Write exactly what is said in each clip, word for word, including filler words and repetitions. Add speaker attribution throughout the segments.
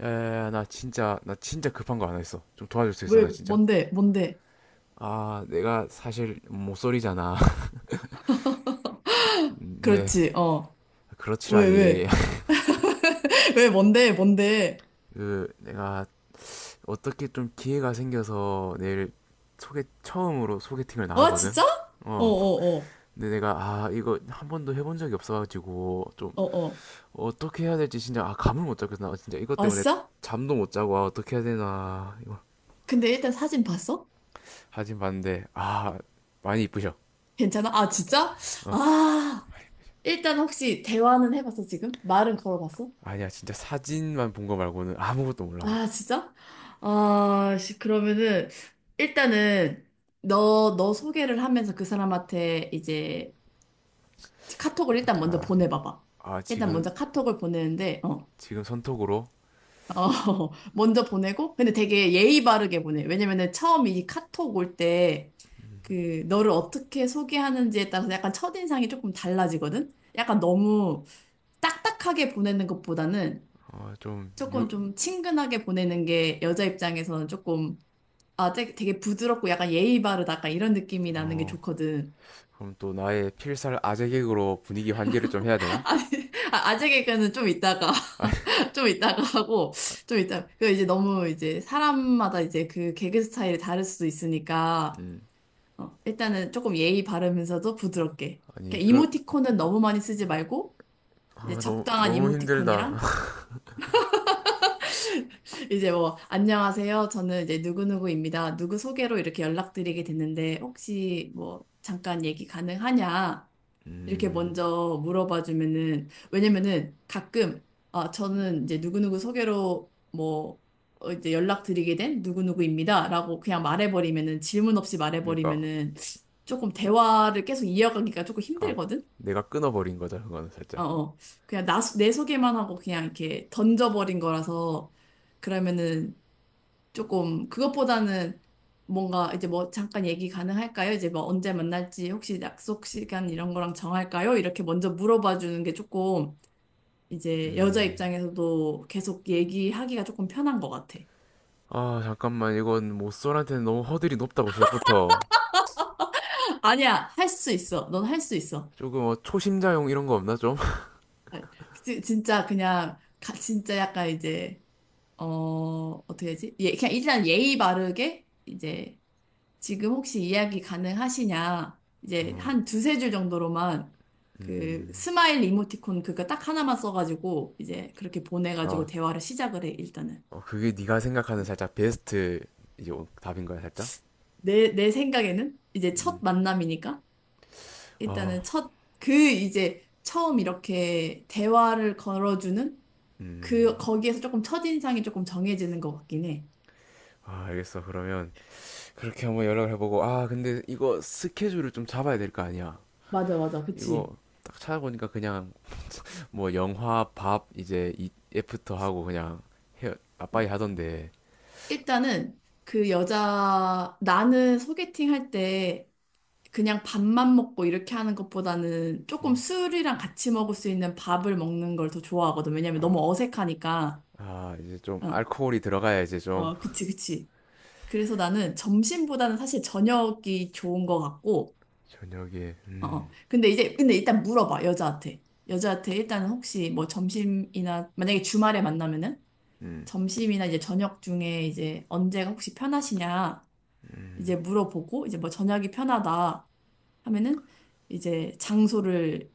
Speaker 1: 야야야, 나 진짜, 나 진짜 급한 거 하나 있어. 좀 도와줄 수 있어?
Speaker 2: 왜,
Speaker 1: 나 진짜
Speaker 2: 뭔데, 뭔데.
Speaker 1: 아 내가 사실 모쏠이잖아. 네.
Speaker 2: 그렇지, 어. 왜,
Speaker 1: 그렇지라니.
Speaker 2: 왜. 왜, 뭔데, 뭔데.
Speaker 1: 그 내가 어떻게 좀 기회가 생겨서 내일 소개 처음으로 소개팅을
Speaker 2: 어,
Speaker 1: 나가거든.
Speaker 2: 진짜? 어,
Speaker 1: 어.
Speaker 2: 어, 어.
Speaker 1: 근데 내가 아 이거 한 번도 해본 적이 없어가지고 좀
Speaker 2: 어, 어.
Speaker 1: 어떻게 해야 될지 진짜, 아 감을 못 잡겠어. 나 진짜 이것
Speaker 2: 아,
Speaker 1: 때문에
Speaker 2: 진짜?
Speaker 1: 잠도 못 자고, 아 어떻게 해야 되나 이거.
Speaker 2: 근데 일단 사진 봤어?
Speaker 1: 하진 봤는데 아 많이 이쁘셔.
Speaker 2: 괜찮아? 아, 진짜?
Speaker 1: 어.
Speaker 2: 아, 일단 혹시 대화는 해봤어, 지금? 말은 걸어봤어?
Speaker 1: 아니야, 진짜 사진만 본거 말고는 아무것도 몰라.
Speaker 2: 아, 진짜? 아, 씨, 그러면은, 일단은, 너, 너 소개를 하면서 그 사람한테 이제 카톡을 일단 먼저 보내봐봐.
Speaker 1: 나아
Speaker 2: 일단
Speaker 1: 지금,
Speaker 2: 먼저 카톡을 보내는데, 어.
Speaker 1: 지금 선톡으로.
Speaker 2: 어, 먼저 보내고, 근데 되게 예의 바르게 보내. 왜냐면은 처음 이 카톡 올 때, 그, 너를 어떻게 소개하는지에 따라서 약간 첫인상이 조금 달라지거든? 약간 너무 딱딱하게 보내는 것보다는 조금
Speaker 1: 어좀유어
Speaker 2: 좀 친근하게 보내는 게 여자 입장에서는 조금, 아, 되게, 되게 부드럽고 약간 예의 바르다. 약간 이런 느낌이 나는 게 좋거든.
Speaker 1: 그럼 또 나의 필살 아재객으로 분위기 환기를 좀 해야 되나?
Speaker 2: 아, 아재 개그는 좀 이따가,
Speaker 1: 아니.
Speaker 2: 좀 이따가 하고, 좀 이따, 그 이제 너무 이제 사람마다 이제 그 개그 스타일이 다를 수도 있으니까,
Speaker 1: 음
Speaker 2: 어, 일단은 조금 예의 바르면서도 부드럽게.
Speaker 1: 아니
Speaker 2: 그러니까
Speaker 1: 그아
Speaker 2: 이모티콘은 너무 많이 쓰지 말고, 이제
Speaker 1: 너무
Speaker 2: 적당한
Speaker 1: 너무 힘들다.
Speaker 2: 이모티콘이랑, 이제 뭐, 안녕하세요. 저는 이제 누구누구입니다. 누구 소개로 이렇게 연락드리게 됐는데, 혹시 뭐, 잠깐 얘기 가능하냐? 이렇게
Speaker 1: 음
Speaker 2: 먼저 물어봐 주면은 왜냐면은 가끔 아 저는 이제 누구누구 소개로 뭐 어, 이제 연락드리게 된 누구누구입니다라고 그냥 말해버리면은 질문 없이
Speaker 1: 그러니까
Speaker 2: 말해버리면은 조금 대화를 계속 이어가기가 조금
Speaker 1: 아
Speaker 2: 힘들거든.
Speaker 1: 내가 끊어버린 거죠. 그거는
Speaker 2: 어,
Speaker 1: 살짝.
Speaker 2: 어. 그냥 나, 내 소개만 하고 그냥 이렇게 던져버린 거라서 그러면은 조금 그것보다는 뭔가 이제 뭐 잠깐 얘기 가능할까요? 이제 뭐 언제 만날지 혹시 약속 시간 이런 거랑 정할까요? 이렇게 먼저 물어봐 주는 게 조금 이제 여자
Speaker 1: 음아
Speaker 2: 입장에서도 계속 얘기하기가 조금 편한 것 같아.
Speaker 1: 잠깐만, 이건 모쏠한테는 너무 허들이 높다고, 시작부터.
Speaker 2: 아니야, 할 수 있어. 넌 할 수 있어.
Speaker 1: 조금 어, 초심자용 이런 거 없나 좀?
Speaker 2: 아, 지- 진짜 그냥 가- 진짜 약간 이제 어 어떻게 해야지? 예, 그냥 일단 예의 바르게 이제 지금 혹시 이야기 가능하시냐? 이제
Speaker 1: 어,
Speaker 2: 한 두세 줄 정도로만 그
Speaker 1: 음,
Speaker 2: 스마일 이모티콘 그거 딱 하나만 써가지고 이제 그렇게 보내가지고
Speaker 1: 아
Speaker 2: 대화를 시작을 해, 일단은.
Speaker 1: 어, 그게 네가 생각하는 살짝 베스트, 이제 오- 답인 거야 살짝?
Speaker 2: 내, 내 생각에는 이제 첫
Speaker 1: 음.
Speaker 2: 만남이니까
Speaker 1: 아.
Speaker 2: 일단은 첫, 그 이제 처음 이렇게 대화를 걸어주는
Speaker 1: 음.
Speaker 2: 그, 거기에서 조금 첫인상이 조금 정해지는 것 같긴 해.
Speaker 1: 아, 알겠어. 그러면 그렇게 한번 연락을 해보고, 아 근데 이거 스케줄을 좀 잡아야 될 거 아니야.
Speaker 2: 맞아, 맞아.
Speaker 1: 이거
Speaker 2: 그치.
Speaker 1: 딱 찾아보니까 그냥 뭐 영화, 밥, 이제 이 애프터 하고 그냥 헤어 빠빠이 하던데.
Speaker 2: 일단은 그 여자, 나는 소개팅 할때 그냥 밥만 먹고 이렇게 하는 것보다는 조금
Speaker 1: 음.
Speaker 2: 술이랑 같이 먹을 수 있는 밥을 먹는 걸 더 좋아하거든. 왜냐면
Speaker 1: 아,
Speaker 2: 너무 어색하니까.
Speaker 1: 아 이제 좀
Speaker 2: 어,
Speaker 1: 알코올이 들어가야 이제 좀.
Speaker 2: 어, 그치, 그치. 그래서 나는 점심보다는 사실 저녁이 좋은 것 같고,
Speaker 1: 저녁에.
Speaker 2: 어, 어.
Speaker 1: 음.
Speaker 2: 근데 이제, 근데 일단 물어봐, 여자한테. 여자한테 일단 혹시 뭐 점심이나, 만약에 주말에 만나면은
Speaker 1: 음.
Speaker 2: 점심이나 이제 저녁 중에 이제 언제가 혹시 편하시냐,
Speaker 1: 음.
Speaker 2: 이제 물어보고, 이제 뭐 저녁이 편하다 하면은 이제 장소를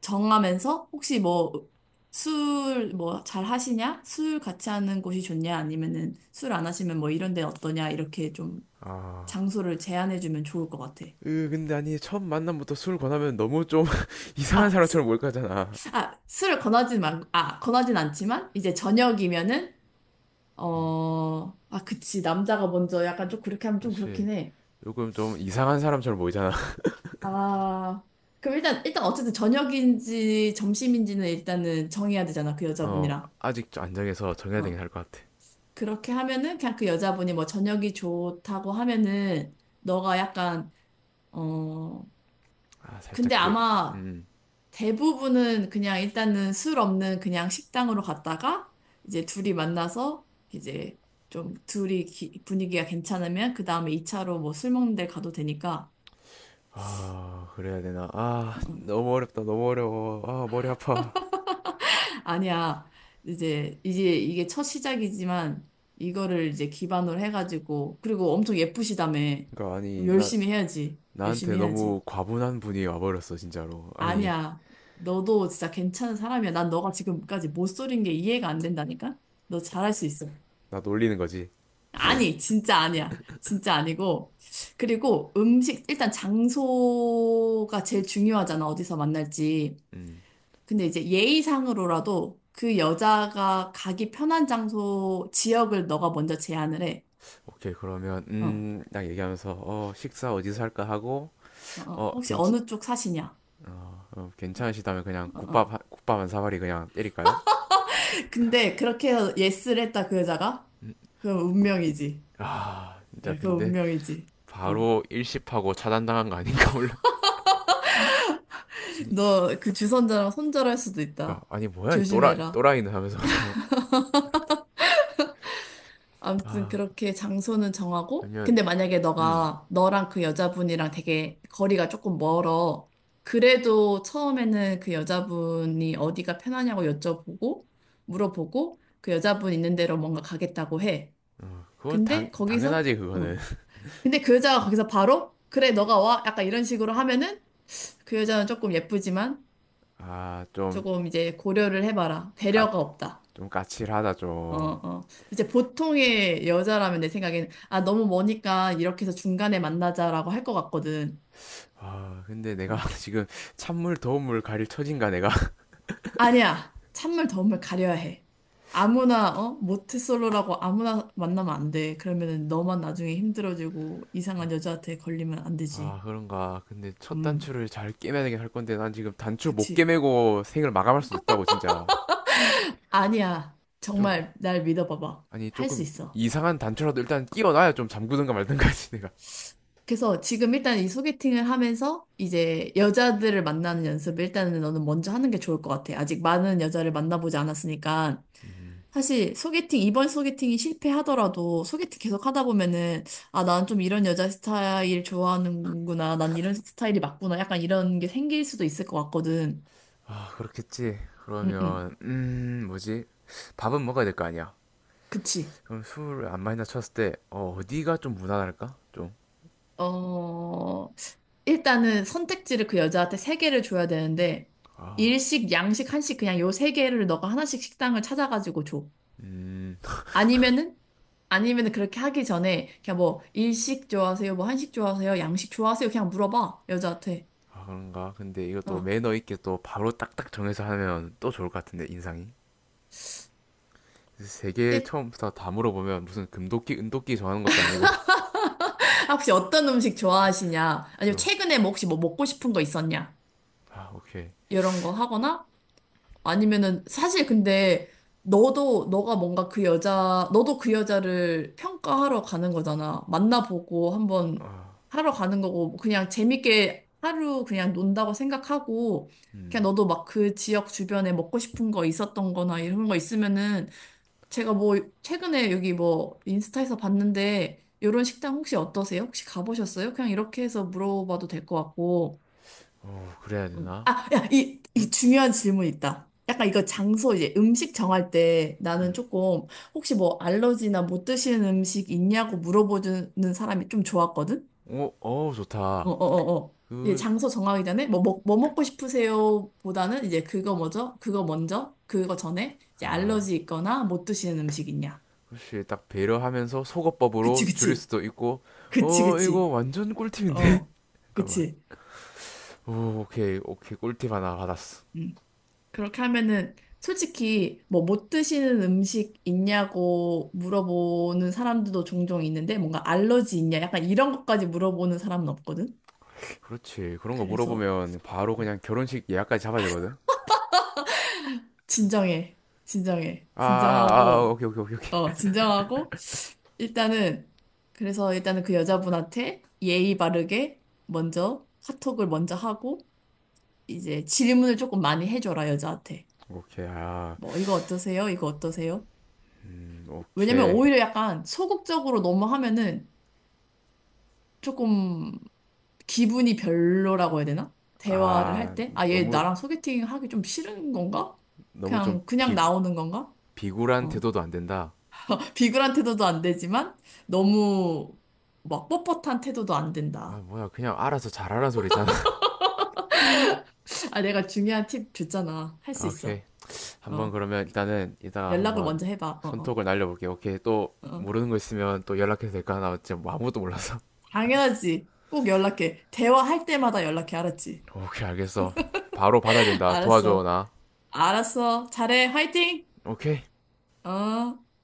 Speaker 2: 정하면서 혹시 뭐 술 뭐 잘 하시냐? 술 같이 하는 곳이 좋냐? 아니면은 술 안 하시면 뭐 이런 데 어떠냐? 이렇게 좀
Speaker 1: 아.
Speaker 2: 장소를 제안해 주면 좋을 것 같아.
Speaker 1: 으 근데 아니 처음 만남부터 술 권하면 너무 좀 이상한
Speaker 2: 아,
Speaker 1: 사람처럼
Speaker 2: 수,
Speaker 1: 몰까잖아.
Speaker 2: 아, 술을 권하진 말, 아, 권하진 않지만 이제 저녁이면은
Speaker 1: 음,
Speaker 2: 어, 아, 그치. 남자가 먼저 약간 좀 그렇게 하면 좀
Speaker 1: 그렇지.
Speaker 2: 그렇긴 해.
Speaker 1: 요금 좀 이상한 사람처럼 보이잖아.
Speaker 2: 아, 그럼 일단 일단 어쨌든 저녁인지 점심인지는 일단은 정해야 되잖아. 그
Speaker 1: 어.
Speaker 2: 여자분이랑.
Speaker 1: 아직 좀 안정해서 정해야 되긴
Speaker 2: 어.
Speaker 1: 할 것 같아.
Speaker 2: 그렇게 하면은 그냥 그 여자분이 뭐 저녁이 좋다고 하면은 너가 약간 어
Speaker 1: 아
Speaker 2: 근데
Speaker 1: 살짝 그.
Speaker 2: 아마
Speaker 1: 음.
Speaker 2: 대부분은 그냥 일단은 술 없는 그냥 식당으로 갔다가 이제 둘이 만나서 이제 좀 둘이 기- 분위기가 괜찮으면 그 다음에 이 차로 뭐 술 먹는 데 가도 되니까
Speaker 1: 아 그래야 되나? 아
Speaker 2: 어, 어.
Speaker 1: 너무 어렵다. 너무 어려워. 아 머리 아파.
Speaker 2: 아니야 이제 이제 이게 첫 시작이지만 이거를 이제 기반으로 해가지고 그리고 엄청 예쁘시다며
Speaker 1: 그니까
Speaker 2: 그럼
Speaker 1: 아니, 나,
Speaker 2: 열심히 해야지 열심히
Speaker 1: 나한테 너무
Speaker 2: 해야지.
Speaker 1: 과분한 분이 와버렸어 진짜로. 아니,
Speaker 2: 아니야. 너도 진짜 괜찮은 사람이야. 난 너가 지금까지 못 소린 게 이해가 안 된다니까? 너 잘할 수 있어.
Speaker 1: 나 놀리는 거지.
Speaker 2: 아니, 진짜 아니야. 진짜 아니고. 그리고 음식, 일단 장소가 제일 중요하잖아. 어디서 만날지.
Speaker 1: 음.
Speaker 2: 근데 이제 예의상으로라도 그 여자가 가기 편한 장소, 지역을 너가 먼저 제안을 해.
Speaker 1: 오케이. 그러면
Speaker 2: 어, 어,
Speaker 1: 음딱 얘기하면서 어 식사 어디서 할까 하고.
Speaker 2: 어.
Speaker 1: 어
Speaker 2: 혹시
Speaker 1: 괜찮.
Speaker 2: 어느 쪽 사시냐?
Speaker 1: 어, 괜찮으시다면 그냥
Speaker 2: 어, 어.
Speaker 1: 국밥 한- 국밥 한 사발이 그냥 때릴까요?
Speaker 2: 근데 그렇게 해서 예스를 했다, 그 여자가? 그럼 운명이지.
Speaker 1: 아 진짜
Speaker 2: 예, 그
Speaker 1: 근데
Speaker 2: 운명이지. 어.
Speaker 1: 바로 일십하고 차단당한 거 아닌가 몰라. 아니,
Speaker 2: 너 그 주선자랑 손절할 수도
Speaker 1: 아,
Speaker 2: 있다.
Speaker 1: 아니 뭐야 이 또라이,
Speaker 2: 조심해라.
Speaker 1: 또라이는 하면서 그냥.
Speaker 2: 아무튼
Speaker 1: 아,
Speaker 2: 그렇게 장소는 정하고,
Speaker 1: 그러면
Speaker 2: 근데 만약에
Speaker 1: 음.
Speaker 2: 너가 너랑 그 여자분이랑 되게 거리가 조금 멀어. 그래도 처음에는 그 여자분이 어디가 편하냐고 여쭤보고, 물어보고, 그 여자분 있는 데로 뭔가 가겠다고 해.
Speaker 1: 그건 당
Speaker 2: 근데 거기서,
Speaker 1: 당연하지
Speaker 2: 어.
Speaker 1: 그거는.
Speaker 2: 근데 그 여자가 거기서 바로, 그래, 너가 와. 약간 이런 식으로 하면은 그 여자는 조금 예쁘지만,
Speaker 1: 아좀까좀
Speaker 2: 조금 이제 고려를 해봐라. 배려가 없다.
Speaker 1: 까칠하다
Speaker 2: 어,
Speaker 1: 좀.
Speaker 2: 어. 이제 보통의 여자라면 내 생각에는, 아, 너무 머니까 이렇게 해서 중간에 만나자라고 할 것 같거든.
Speaker 1: 아 근데 내가
Speaker 2: 어.
Speaker 1: 지금 찬물 더운 물 가릴 처진가 내가.
Speaker 2: 아니야. 찬물, 더운물 가려야 해. 아무나, 어? 모태솔로라고 아무나 만나면 안 돼. 그러면은 너만 나중에 힘들어지고 이상한 여자한테 걸리면 안 되지.
Speaker 1: 아 그런가. 근데 첫
Speaker 2: 음,
Speaker 1: 단추를 잘 깨매야 되할 건데, 난 지금 단추 못
Speaker 2: 그치.
Speaker 1: 깨매고 생을 마감할 수도 있다고 진짜.
Speaker 2: 아니야.
Speaker 1: 좀,
Speaker 2: 정말 날 믿어봐봐.
Speaker 1: 아니
Speaker 2: 할 수
Speaker 1: 조금
Speaker 2: 있어.
Speaker 1: 이상한 단추라도 일단 끼워놔야 좀 잠그든가 말든가지 내가.
Speaker 2: 그래서 지금 일단 이 소개팅을 하면서 이제 여자들을 만나는 연습을 일단은 너는 먼저 하는 게 좋을 것 같아. 아직 많은 여자를 만나보지 않았으니까.
Speaker 1: 음.
Speaker 2: 사실 소개팅, 이번 소개팅이 실패하더라도 소개팅 계속 하다 보면은 아, 난 좀 이런 여자 스타일 좋아하는구나. 난 이런 스타일이 맞구나. 약간 이런 게 생길 수도 있을 것 같거든.
Speaker 1: 아 그렇겠지.
Speaker 2: 응, 응.
Speaker 1: 그러면 음 뭐지? 밥은 먹어야 될 거 아니야.
Speaker 2: 그치.
Speaker 1: 그럼 술을 안 마신다 쳤을 때 어, 어디가 좀 무난할까 좀?
Speaker 2: 어, 일단은 선택지를 그 여자한테 세 개를 줘야 되는데
Speaker 1: 아.
Speaker 2: 일식, 양식, 한식 그냥 요 세 개를 너가 하나씩 식당을 찾아가지고 줘.
Speaker 1: 음.
Speaker 2: 아니면은 아니면은 그렇게 하기 전에 그냥 뭐 일식 좋아하세요? 뭐 한식 좋아하세요? 양식 좋아하세요? 그냥 물어봐 여자한테.
Speaker 1: 아 그런가? 근데 이것도
Speaker 2: 어.
Speaker 1: 매너 있게 또 바로 딱딱 정해서 하면 또 좋을 것 같은데 인상이. 세 개
Speaker 2: 일-
Speaker 1: 처음부터 다 물어보면 무슨 금도끼 은도끼 정하는 것도 아니고.
Speaker 2: 아, 혹시 어떤 음식 좋아하시냐? 아니면
Speaker 1: 그죠?
Speaker 2: 최근에 뭐 혹시 뭐 먹고 싶은 거 있었냐?
Speaker 1: 아 오케이.
Speaker 2: 이런 거 하거나 아니면은 사실 근데 너도 너가 뭔가 그 여자 너도 그 여자를 평가하러 가는 거잖아. 만나보고 한번
Speaker 1: 아.
Speaker 2: 하러 가는 거고 뭐 그냥 재밌게 하루 그냥 논다고 생각하고 그냥
Speaker 1: 음.
Speaker 2: 너도 막 그 지역 주변에 먹고 싶은 거 있었던 거나 이런 거 있으면은 제가 뭐 최근에 여기 뭐 인스타에서 봤는데 이런 식당 혹시 어떠세요? 혹시 가보셨어요? 그냥 이렇게 해서 물어봐도 될 것 같고.
Speaker 1: 어 그래야
Speaker 2: 음.
Speaker 1: 되나?
Speaker 2: 아, 야, 이, 이
Speaker 1: 응?
Speaker 2: 중요한 질문 있다. 약간 이거 장소 이제 음식 정할 때 나는
Speaker 1: 음.
Speaker 2: 조금 혹시 뭐 알러지나 못 드시는 음식 있냐고 물어보는 사람이 좀 좋았거든?
Speaker 1: 오, 어,
Speaker 2: 어,
Speaker 1: 좋다.
Speaker 2: 어, 어, 어. 이제
Speaker 1: 그.
Speaker 2: 장소 정하기 전에 뭐, 먹, 뭐 먹고 싶으세요? 보다는 이제 그거 뭐죠? 그거 먼저? 그거 전에 이제
Speaker 1: 아,
Speaker 2: 알러지 있거나 못 드시는 음식 있냐?
Speaker 1: 그렇지. 딱 배려하면서
Speaker 2: 그치,
Speaker 1: 속어법으로 줄일
Speaker 2: 그치.
Speaker 1: 수도 있고.
Speaker 2: 그치,
Speaker 1: 어, 이거
Speaker 2: 그치.
Speaker 1: 완전 꿀팁인데?
Speaker 2: 어,
Speaker 1: 잠깐만.
Speaker 2: 그치.
Speaker 1: 오, 오케이, 오케이. 꿀팁 하나 받았어.
Speaker 2: 음. 그렇게 하면은 솔직히 뭐 못 드시는 음식 있냐고 물어보는 사람들도 종종 있는데 뭔가 알러지 있냐 약간 이런 것까지 물어보는 사람은 없거든.
Speaker 1: 그렇지. 그런 거
Speaker 2: 그래서
Speaker 1: 물어보면 바로 그냥 결혼식 예약까지 잡아야 되거든?
Speaker 2: 진정해, 진정해,
Speaker 1: 아, 아, 아, 아,
Speaker 2: 진정하고
Speaker 1: 오케이, 오케이, 오케이,
Speaker 2: 어
Speaker 1: 오케이.
Speaker 2: 진정하고 일단은 그래서 일단은 그 여자분한테 예의 바르게 먼저 카톡을 먼저 하고 이제 질문을 조금 많이 해줘라 여자한테
Speaker 1: 오케이, 아,
Speaker 2: 뭐 이거 어떠세요? 이거 어떠세요?
Speaker 1: 음,
Speaker 2: 왜냐면
Speaker 1: 오케이.
Speaker 2: 오히려 약간 소극적으로 너무 하면은 조금 기분이 별로라고 해야 되나? 대화를 할
Speaker 1: 아,
Speaker 2: 때? 아, 얘
Speaker 1: 너무,
Speaker 2: 나랑 소개팅 하기 좀 싫은 건가?
Speaker 1: 너무 좀
Speaker 2: 그냥, 그냥
Speaker 1: 비,
Speaker 2: 나오는 건가?
Speaker 1: 비굴한
Speaker 2: 어.
Speaker 1: 태도도 안 된다.
Speaker 2: 비굴한 태도도 안 되지만, 너무 막 뻣뻣한 태도도 안
Speaker 1: 아
Speaker 2: 된다.
Speaker 1: 뭐야, 그냥 알아서 잘하라 소리잖아.
Speaker 2: 아, 내가 중요한 팁 줬잖아. 할 수
Speaker 1: 아, 오케이.
Speaker 2: 있어.
Speaker 1: 한번
Speaker 2: 어.
Speaker 1: 그러면 일단은 이따가
Speaker 2: 연락을
Speaker 1: 한번
Speaker 2: 먼저 해봐. 어,
Speaker 1: 손톱을 날려볼게. 오케이. 또
Speaker 2: 어, 어.
Speaker 1: 모르는 거 있으면 또 연락해도 될까? 나 지금 뭐 아무것도 몰라서.
Speaker 2: 당연하지. 꼭 연락해. 대화할 때마다 연락해. 알았지?
Speaker 1: 오케이, 알겠어. 바로 받아야 된다. 도와줘,
Speaker 2: 알았어.
Speaker 1: 나.
Speaker 2: 알았어. 잘해. 화이팅!
Speaker 1: 오케이.
Speaker 2: 어.